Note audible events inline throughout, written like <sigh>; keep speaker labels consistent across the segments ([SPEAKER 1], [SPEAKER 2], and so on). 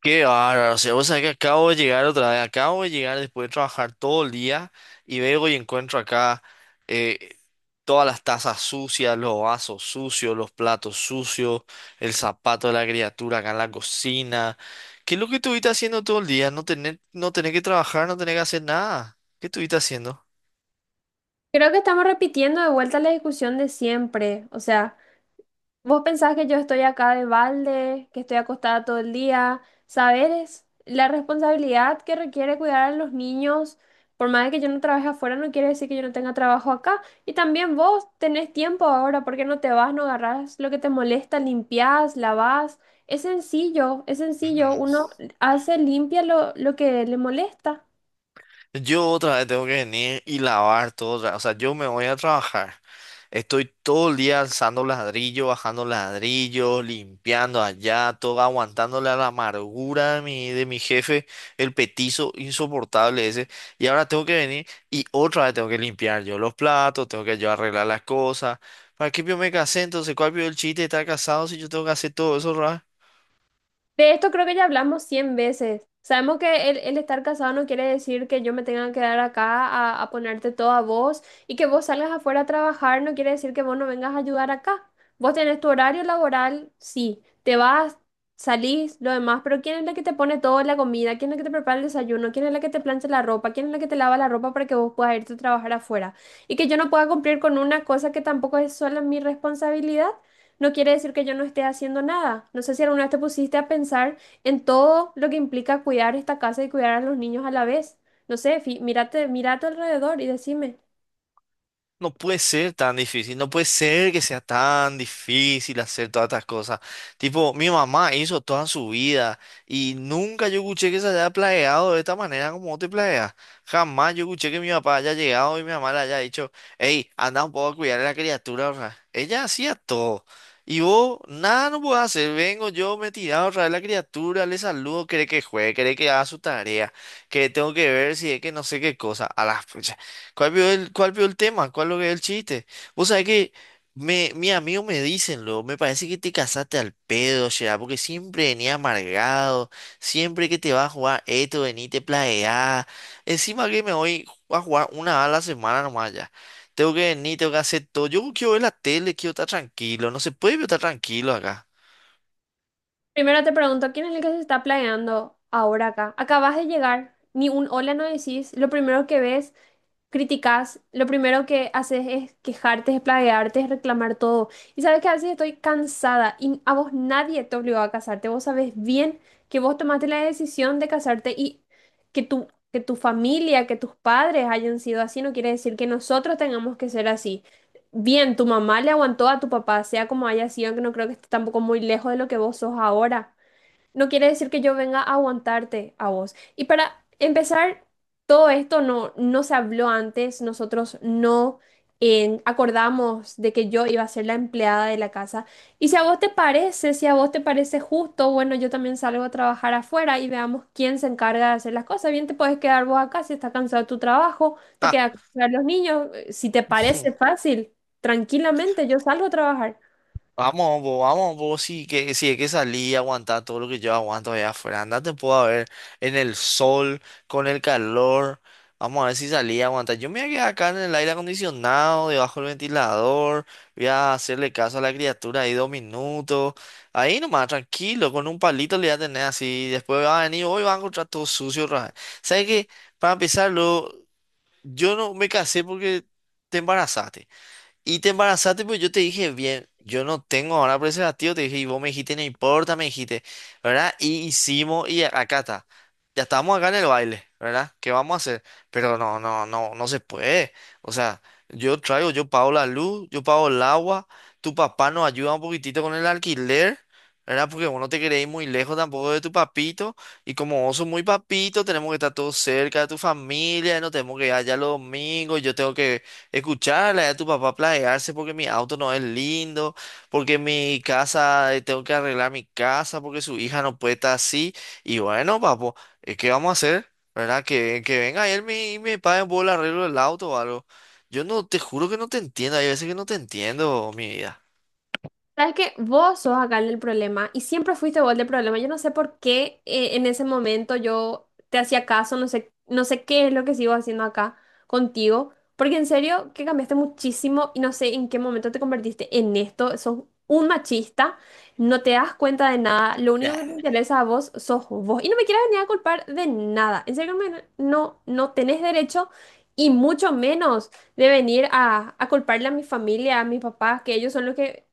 [SPEAKER 1] Qué bárbaro, o sea, vos sabés que acabo de llegar otra vez, acabo de llegar después de trabajar todo el día y veo y encuentro acá, eh, todas las tazas sucias, los vasos sucios, los platos sucios, el zapato de la criatura acá en la cocina. ¿Qué es lo que estuviste haciendo todo el día? No tener que trabajar, no tener que hacer nada. ¿Qué estuviste haciendo?
[SPEAKER 2] Creo que estamos repitiendo de vuelta la discusión de siempre. O sea, vos pensás que yo estoy acá de balde, que estoy acostada todo el día. Saber es la responsabilidad que requiere cuidar a los niños. Por más de que yo no trabaje afuera, no quiere decir que yo no tenga trabajo acá. Y también vos tenés tiempo ahora, ¿por qué no te vas, no agarrás lo que te molesta, limpiás, lavás? Es sencillo, es sencillo.
[SPEAKER 1] Ujú.
[SPEAKER 2] Uno hace, limpia lo que le molesta.
[SPEAKER 1] Yo otra vez tengo que venir y lavar todo otra vez. O sea, yo me voy a trabajar. Estoy todo el día alzando ladrillos, bajando ladrillos, limpiando allá, todo aguantándole a la amargura de mi jefe, el petizo insoportable ese. Y ahora tengo que venir y otra vez tengo que limpiar yo los platos, tengo que yo arreglar las cosas. ¿Para qué yo me casé entonces? ¿Cuál vio el chiste de estar casado si yo tengo que hacer todo eso?
[SPEAKER 2] De esto creo que ya hablamos 100 veces. Sabemos que el estar casado no quiere decir que yo me tenga que quedar acá a ponerte todo a vos y que vos salgas afuera a trabajar no quiere decir que vos no vengas a ayudar acá. Vos tenés tu horario laboral, sí, te vas, salís, lo demás, pero ¿quién es la que te pone toda la comida? ¿Quién es la que te prepara el desayuno? ¿Quién es la que te plancha la ropa? ¿Quién es la que te lava la ropa para que vos puedas irte a trabajar afuera? Y que yo no pueda cumplir con una cosa que tampoco es sola mi responsabilidad no quiere decir que yo no esté haciendo nada. No sé si alguna vez te pusiste a pensar en todo lo que implica cuidar esta casa y cuidar a los niños a la vez. No sé, mírate, mira a tu alrededor y decime.
[SPEAKER 1] No puede ser tan difícil, no puede ser que sea tan difícil hacer todas estas cosas. Tipo, mi mamá hizo toda su vida y nunca yo escuché que se haya planeado de esta manera como vos te planeas. Jamás yo escuché que mi papá haya llegado y mi mamá le haya dicho, hey, anda un poco a cuidar a la criatura. O sea, ella hacía todo. Y vos, nada no puedo hacer. Vengo yo, me he tirado a la criatura, le saludo, quiere que juegue, quiere que haga su tarea, que tengo que ver si es que no sé qué cosa. A la pucha. ¿Cuál vio el tema? ¿Cuál lo que es el chiste? Vos sabés que mi amigo me dicen, luego, me parece que te casaste al pedo, ya, porque siempre venía amargado, siempre que te vas a jugar esto, vení, te plagueás. Encima que me voy a jugar una vez a la semana nomás ya. Tengo que venir, tengo que hacer todo. Yo quiero ver la tele, quiero estar tranquilo, no se puede estar tranquilo acá.
[SPEAKER 2] Primero te pregunto, ¿quién es el que se está planeando ahora acá? Acabas de llegar, ni un hola no decís, lo primero que ves criticas, lo primero que haces es quejarte, es plaguearte, es reclamar todo. Y sabes que a veces estoy cansada y a vos nadie te obligó a casarte. Vos sabes bien que vos tomaste la decisión de casarte y que tu familia, que tus padres hayan sido así, no quiere decir que nosotros tengamos que ser así. Bien, tu mamá le aguantó a tu papá, sea como haya sido, que no creo que esté tampoco muy lejos de lo que vos sos ahora no quiere decir que yo venga a aguantarte a vos. Y para empezar, todo esto no se habló antes, nosotros no acordamos de que yo iba a ser la empleada de la casa. Y si a vos te parece, si a vos te parece justo, bueno, yo también salgo a trabajar afuera y veamos quién se encarga de hacer las cosas. Bien, te puedes quedar vos acá si estás cansado de tu trabajo, te quedas a cuidar los niños. Si te
[SPEAKER 1] <laughs>
[SPEAKER 2] parece
[SPEAKER 1] Ah.
[SPEAKER 2] fácil, tranquilamente yo salgo a trabajar.
[SPEAKER 1] Vamos, vos, si, que, si es que salí y aguantar todo lo que yo aguanto allá afuera. Andate, puedo a ver en el sol, con el calor. Vamos a ver si salí a aguantar. Yo me voy a quedar acá en el aire acondicionado, debajo del ventilador. Voy a hacerle caso a la criatura ahí 2 minutos. Ahí nomás, tranquilo, con un palito le voy a tener así. Después va a venir, hoy va a encontrar todo sucio otra vez. ¿Sabes qué? Para empezarlo, yo no me casé porque te embarazaste. Y te embarazaste, pues yo te dije, bien, yo no tengo ahora preservativo, te dije, y vos me dijiste, no importa, me dijiste, ¿verdad? Y hicimos, y acá está, ya estamos acá en el baile, ¿verdad? ¿Qué vamos a hacer? Pero no se puede. O sea, yo traigo, yo pago la luz, yo pago el agua, tu papá nos ayuda un poquitito con el alquiler, ¿verdad? Porque vos no te querés ir muy lejos tampoco de tu papito, y como vos sos muy papito, tenemos que estar todos cerca de tu familia, no tenemos que ir allá los domingos, yo tengo que escucharle a tu papá planearse porque mi auto no es lindo, porque mi casa, tengo que arreglar mi casa, porque su hija no puede estar así. Y bueno, papo, ¿qué vamos a hacer? ¿Verdad? Que venga él me- y me pague por el arreglo del auto o algo. Yo no, te juro que no te entiendo, hay veces que no te entiendo, mi vida.
[SPEAKER 2] Sabes que vos sos acá el del problema y siempre fuiste vos el del problema. Yo no sé por qué en ese momento yo te hacía caso, no sé, no sé qué es lo que sigo haciendo acá contigo, porque en serio que cambiaste muchísimo y no sé en qué momento te convertiste en esto. Sos un machista, no te das cuenta de nada, lo único que te interesa a vos sos vos y no me quieras venir a culpar de nada. En serio, no, no tenés derecho y mucho menos de venir a culparle a mi familia, a mis papás, que ellos son los que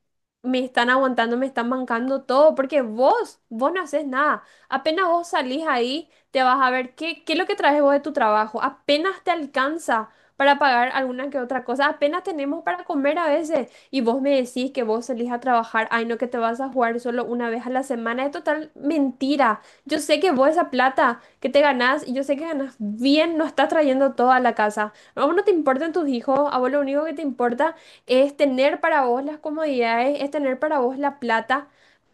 [SPEAKER 2] me están aguantando, me están bancando todo, porque vos no haces nada. Apenas vos salís ahí, te vas a ver qué es lo que traes vos de tu trabajo. Apenas te alcanza para pagar alguna que otra cosa. Apenas tenemos para comer a veces. Y vos me decís que vos salís a trabajar, ay no, que te vas a jugar solo una vez a la semana. Es total mentira. Yo sé que vos esa plata que te ganás, y yo sé que ganás bien, no estás trayendo todo a la casa. A vos no te importan tus hijos, a vos lo único que te importa es tener para vos las comodidades, es tener para vos la plata,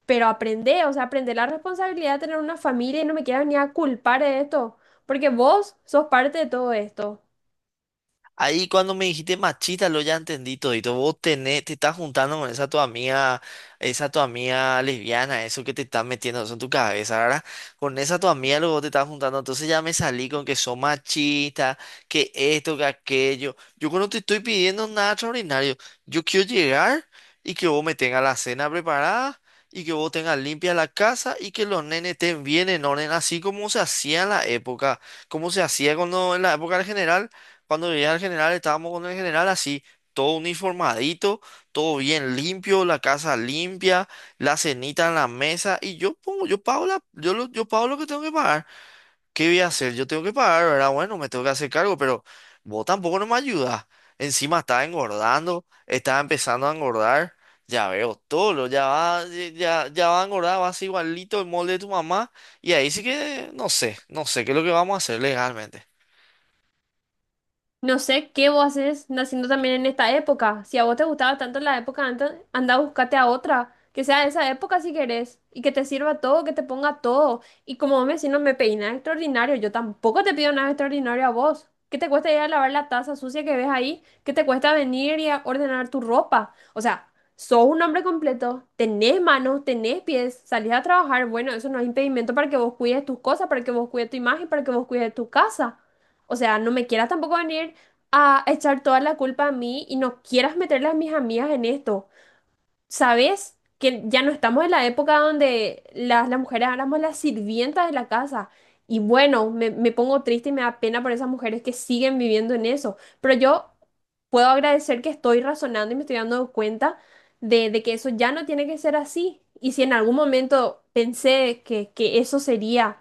[SPEAKER 2] pero aprende, o sea, aprende la responsabilidad de tener una familia y no me quieras ni a culpar de esto, porque vos sos parte de todo esto.
[SPEAKER 1] Ahí cuando me dijiste machista, lo ya entendí todito. Vos tenés, te estás juntando con esa tu amiga lesbiana, eso que te estás metiendo eso en tu cabeza, ¿verdad? Con esa tu amiga luego te estás juntando. Entonces ya me salí con que son machistas, que esto, que aquello. Yo no te estoy pidiendo nada extraordinario. Yo quiero llegar y que vos me tengas la cena preparada. Y que vos tengas limpia la casa y que los nenes estén bien en orden, así como se hacía en la época, como se hacía cuando en la época del general, cuando llegué al general, estábamos con el general así, todo uniformadito, todo bien limpio, la casa limpia, la cenita en la mesa, y yo pongo, yo pago la, yo lo, yo pago lo que tengo que pagar. ¿Qué voy a hacer? Yo tengo que pagar, ¿verdad? Bueno, me tengo que hacer cargo, pero vos tampoco no me ayudas. Encima estaba engordando, estaba empezando a engordar. Ya veo todo, lo- ya va, ya va a engordar, va a ser igualito el molde de tu mamá. Y ahí sí que no sé, no sé qué es lo que vamos a hacer legalmente.
[SPEAKER 2] No sé qué vos haces naciendo también en esta época. Si a vos te gustaba tanto la época antes, anda, a buscarte a otra. Que sea de esa época si querés. Y que te sirva todo, que te ponga todo. Y como vos me decís, no me pedís nada extraordinario. Yo tampoco te pido nada extraordinario a vos. ¿Qué te cuesta ir a lavar la taza sucia que ves ahí? ¿Qué te cuesta venir y a ordenar tu ropa? O sea, sos un hombre completo. Tenés manos, tenés pies. Salís a trabajar. Bueno, eso no es impedimento para que vos cuides tus cosas, para que vos cuides tu imagen, para que vos cuides tu casa. O sea, no me quieras tampoco venir a echar toda la culpa a mí y no quieras meterle a mis amigas en esto. ¿Sabes? Que ya no estamos en la época donde las mujeres éramos las sirvientas de la casa. Y bueno, me pongo triste y me da pena por esas mujeres que siguen viviendo en eso. Pero yo puedo agradecer que estoy razonando y me estoy dando cuenta de que eso ya no tiene que ser así. Y si en algún momento pensé que eso sería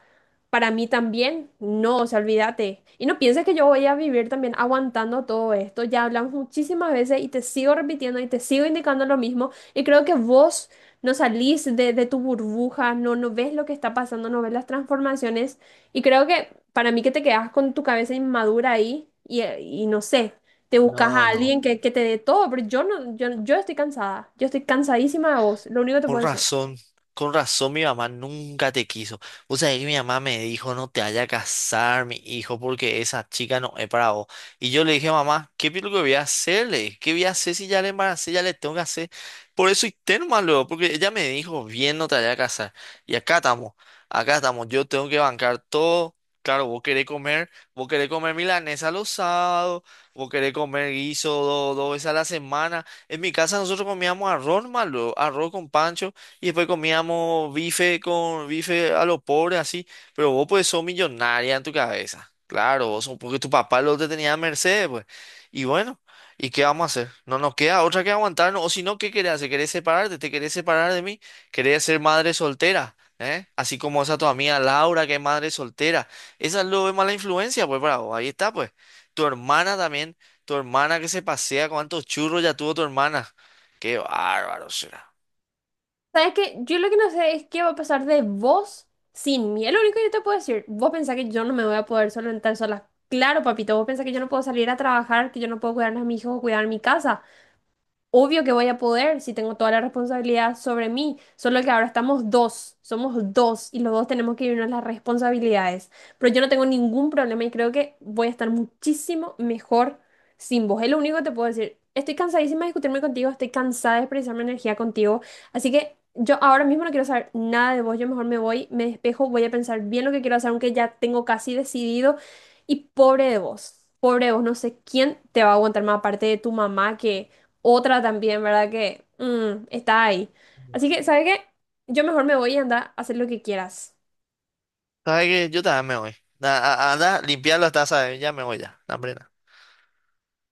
[SPEAKER 2] para mí también, no, o sea, olvídate. Y no pienses que yo voy a vivir también aguantando todo esto. Ya hablamos muchísimas veces y te sigo repitiendo y te sigo indicando lo mismo. Y creo que vos no salís de tu burbuja, no ves lo que está pasando, no ves las transformaciones. Y creo que para mí que te quedas con tu cabeza inmadura ahí y no sé, te buscas
[SPEAKER 1] No,
[SPEAKER 2] a
[SPEAKER 1] no.
[SPEAKER 2] alguien que te dé todo, pero yo no, yo estoy cansada, yo estoy cansadísima de vos, lo único que te
[SPEAKER 1] Con
[SPEAKER 2] puedo decir.
[SPEAKER 1] razón, con razón mi mamá nunca te quiso. O sea, que mi mamá me dijo, no te vayas a casar, mi hijo, porque esa chica no es para vos. Y yo le dije, mamá, ¿qué es lo que voy a hacerle? ¿Qué voy a hacer si ya le embaracé, ya le tengo que hacer? Por eso hice nomás luego, porque ella me dijo, bien, no te vayas a casar. Y acá estamos, yo tengo que bancar todo. Claro, vos querés comer milanesa los sábados, vos querés comer guiso do- 2 veces a la semana. En mi casa nosotros comíamos arroz malo, arroz con pancho, y después comíamos bife con bife a lo pobre, así. Pero vos pues sos millonaria en tu cabeza. Claro, vos sos- porque tu papá lo te tenía a merced, pues. Y bueno, ¿y qué vamos a hacer? No nos queda otra que aguantarnos. O si no, ¿qué querés hacer? ¿Querés separarte? ¿Te querés separar de mí? ¿Querés ser madre soltera? ¿Eh? Así como esa tu amiga Laura, que es madre soltera. Esa es lo de mala influencia, pues, bravo. Ahí está, pues. Tu hermana también. Tu hermana que se pasea, cuántos churros ya tuvo tu hermana. Qué bárbaro será.
[SPEAKER 2] ¿Sabes qué? Yo lo que no sé es qué va a pasar de vos sin mí. Es lo único que yo te puedo decir. Vos pensás que yo no me voy a poder solventar sola. Claro, papito, vos pensás que yo no puedo salir a trabajar, que yo no puedo cuidar a mis hijos o cuidar mi casa. Obvio que voy a poder si tengo toda la responsabilidad sobre mí, solo que ahora estamos dos, somos dos y los dos tenemos que irnos las responsabilidades. Pero yo no tengo ningún problema y creo que voy a estar muchísimo mejor sin vos. Es lo único que te puedo decir. Estoy cansadísima de discutirme contigo, estoy cansada de expresar mi energía contigo, así que yo ahora mismo no quiero saber nada de vos, yo mejor me voy, me despejo, voy a pensar bien lo que quiero hacer, aunque ya tengo casi decidido y pobre de vos, no sé quién te va a aguantar más aparte de tu mamá que otra también, ¿verdad? Que está ahí. Así que, ¿sabes qué? Yo mejor me voy y anda a hacer lo que quieras.
[SPEAKER 1] ¿Sabes qué? Yo también me voy. Na- a- Anda, limpiar las tazas, ya me voy ya. Hambre.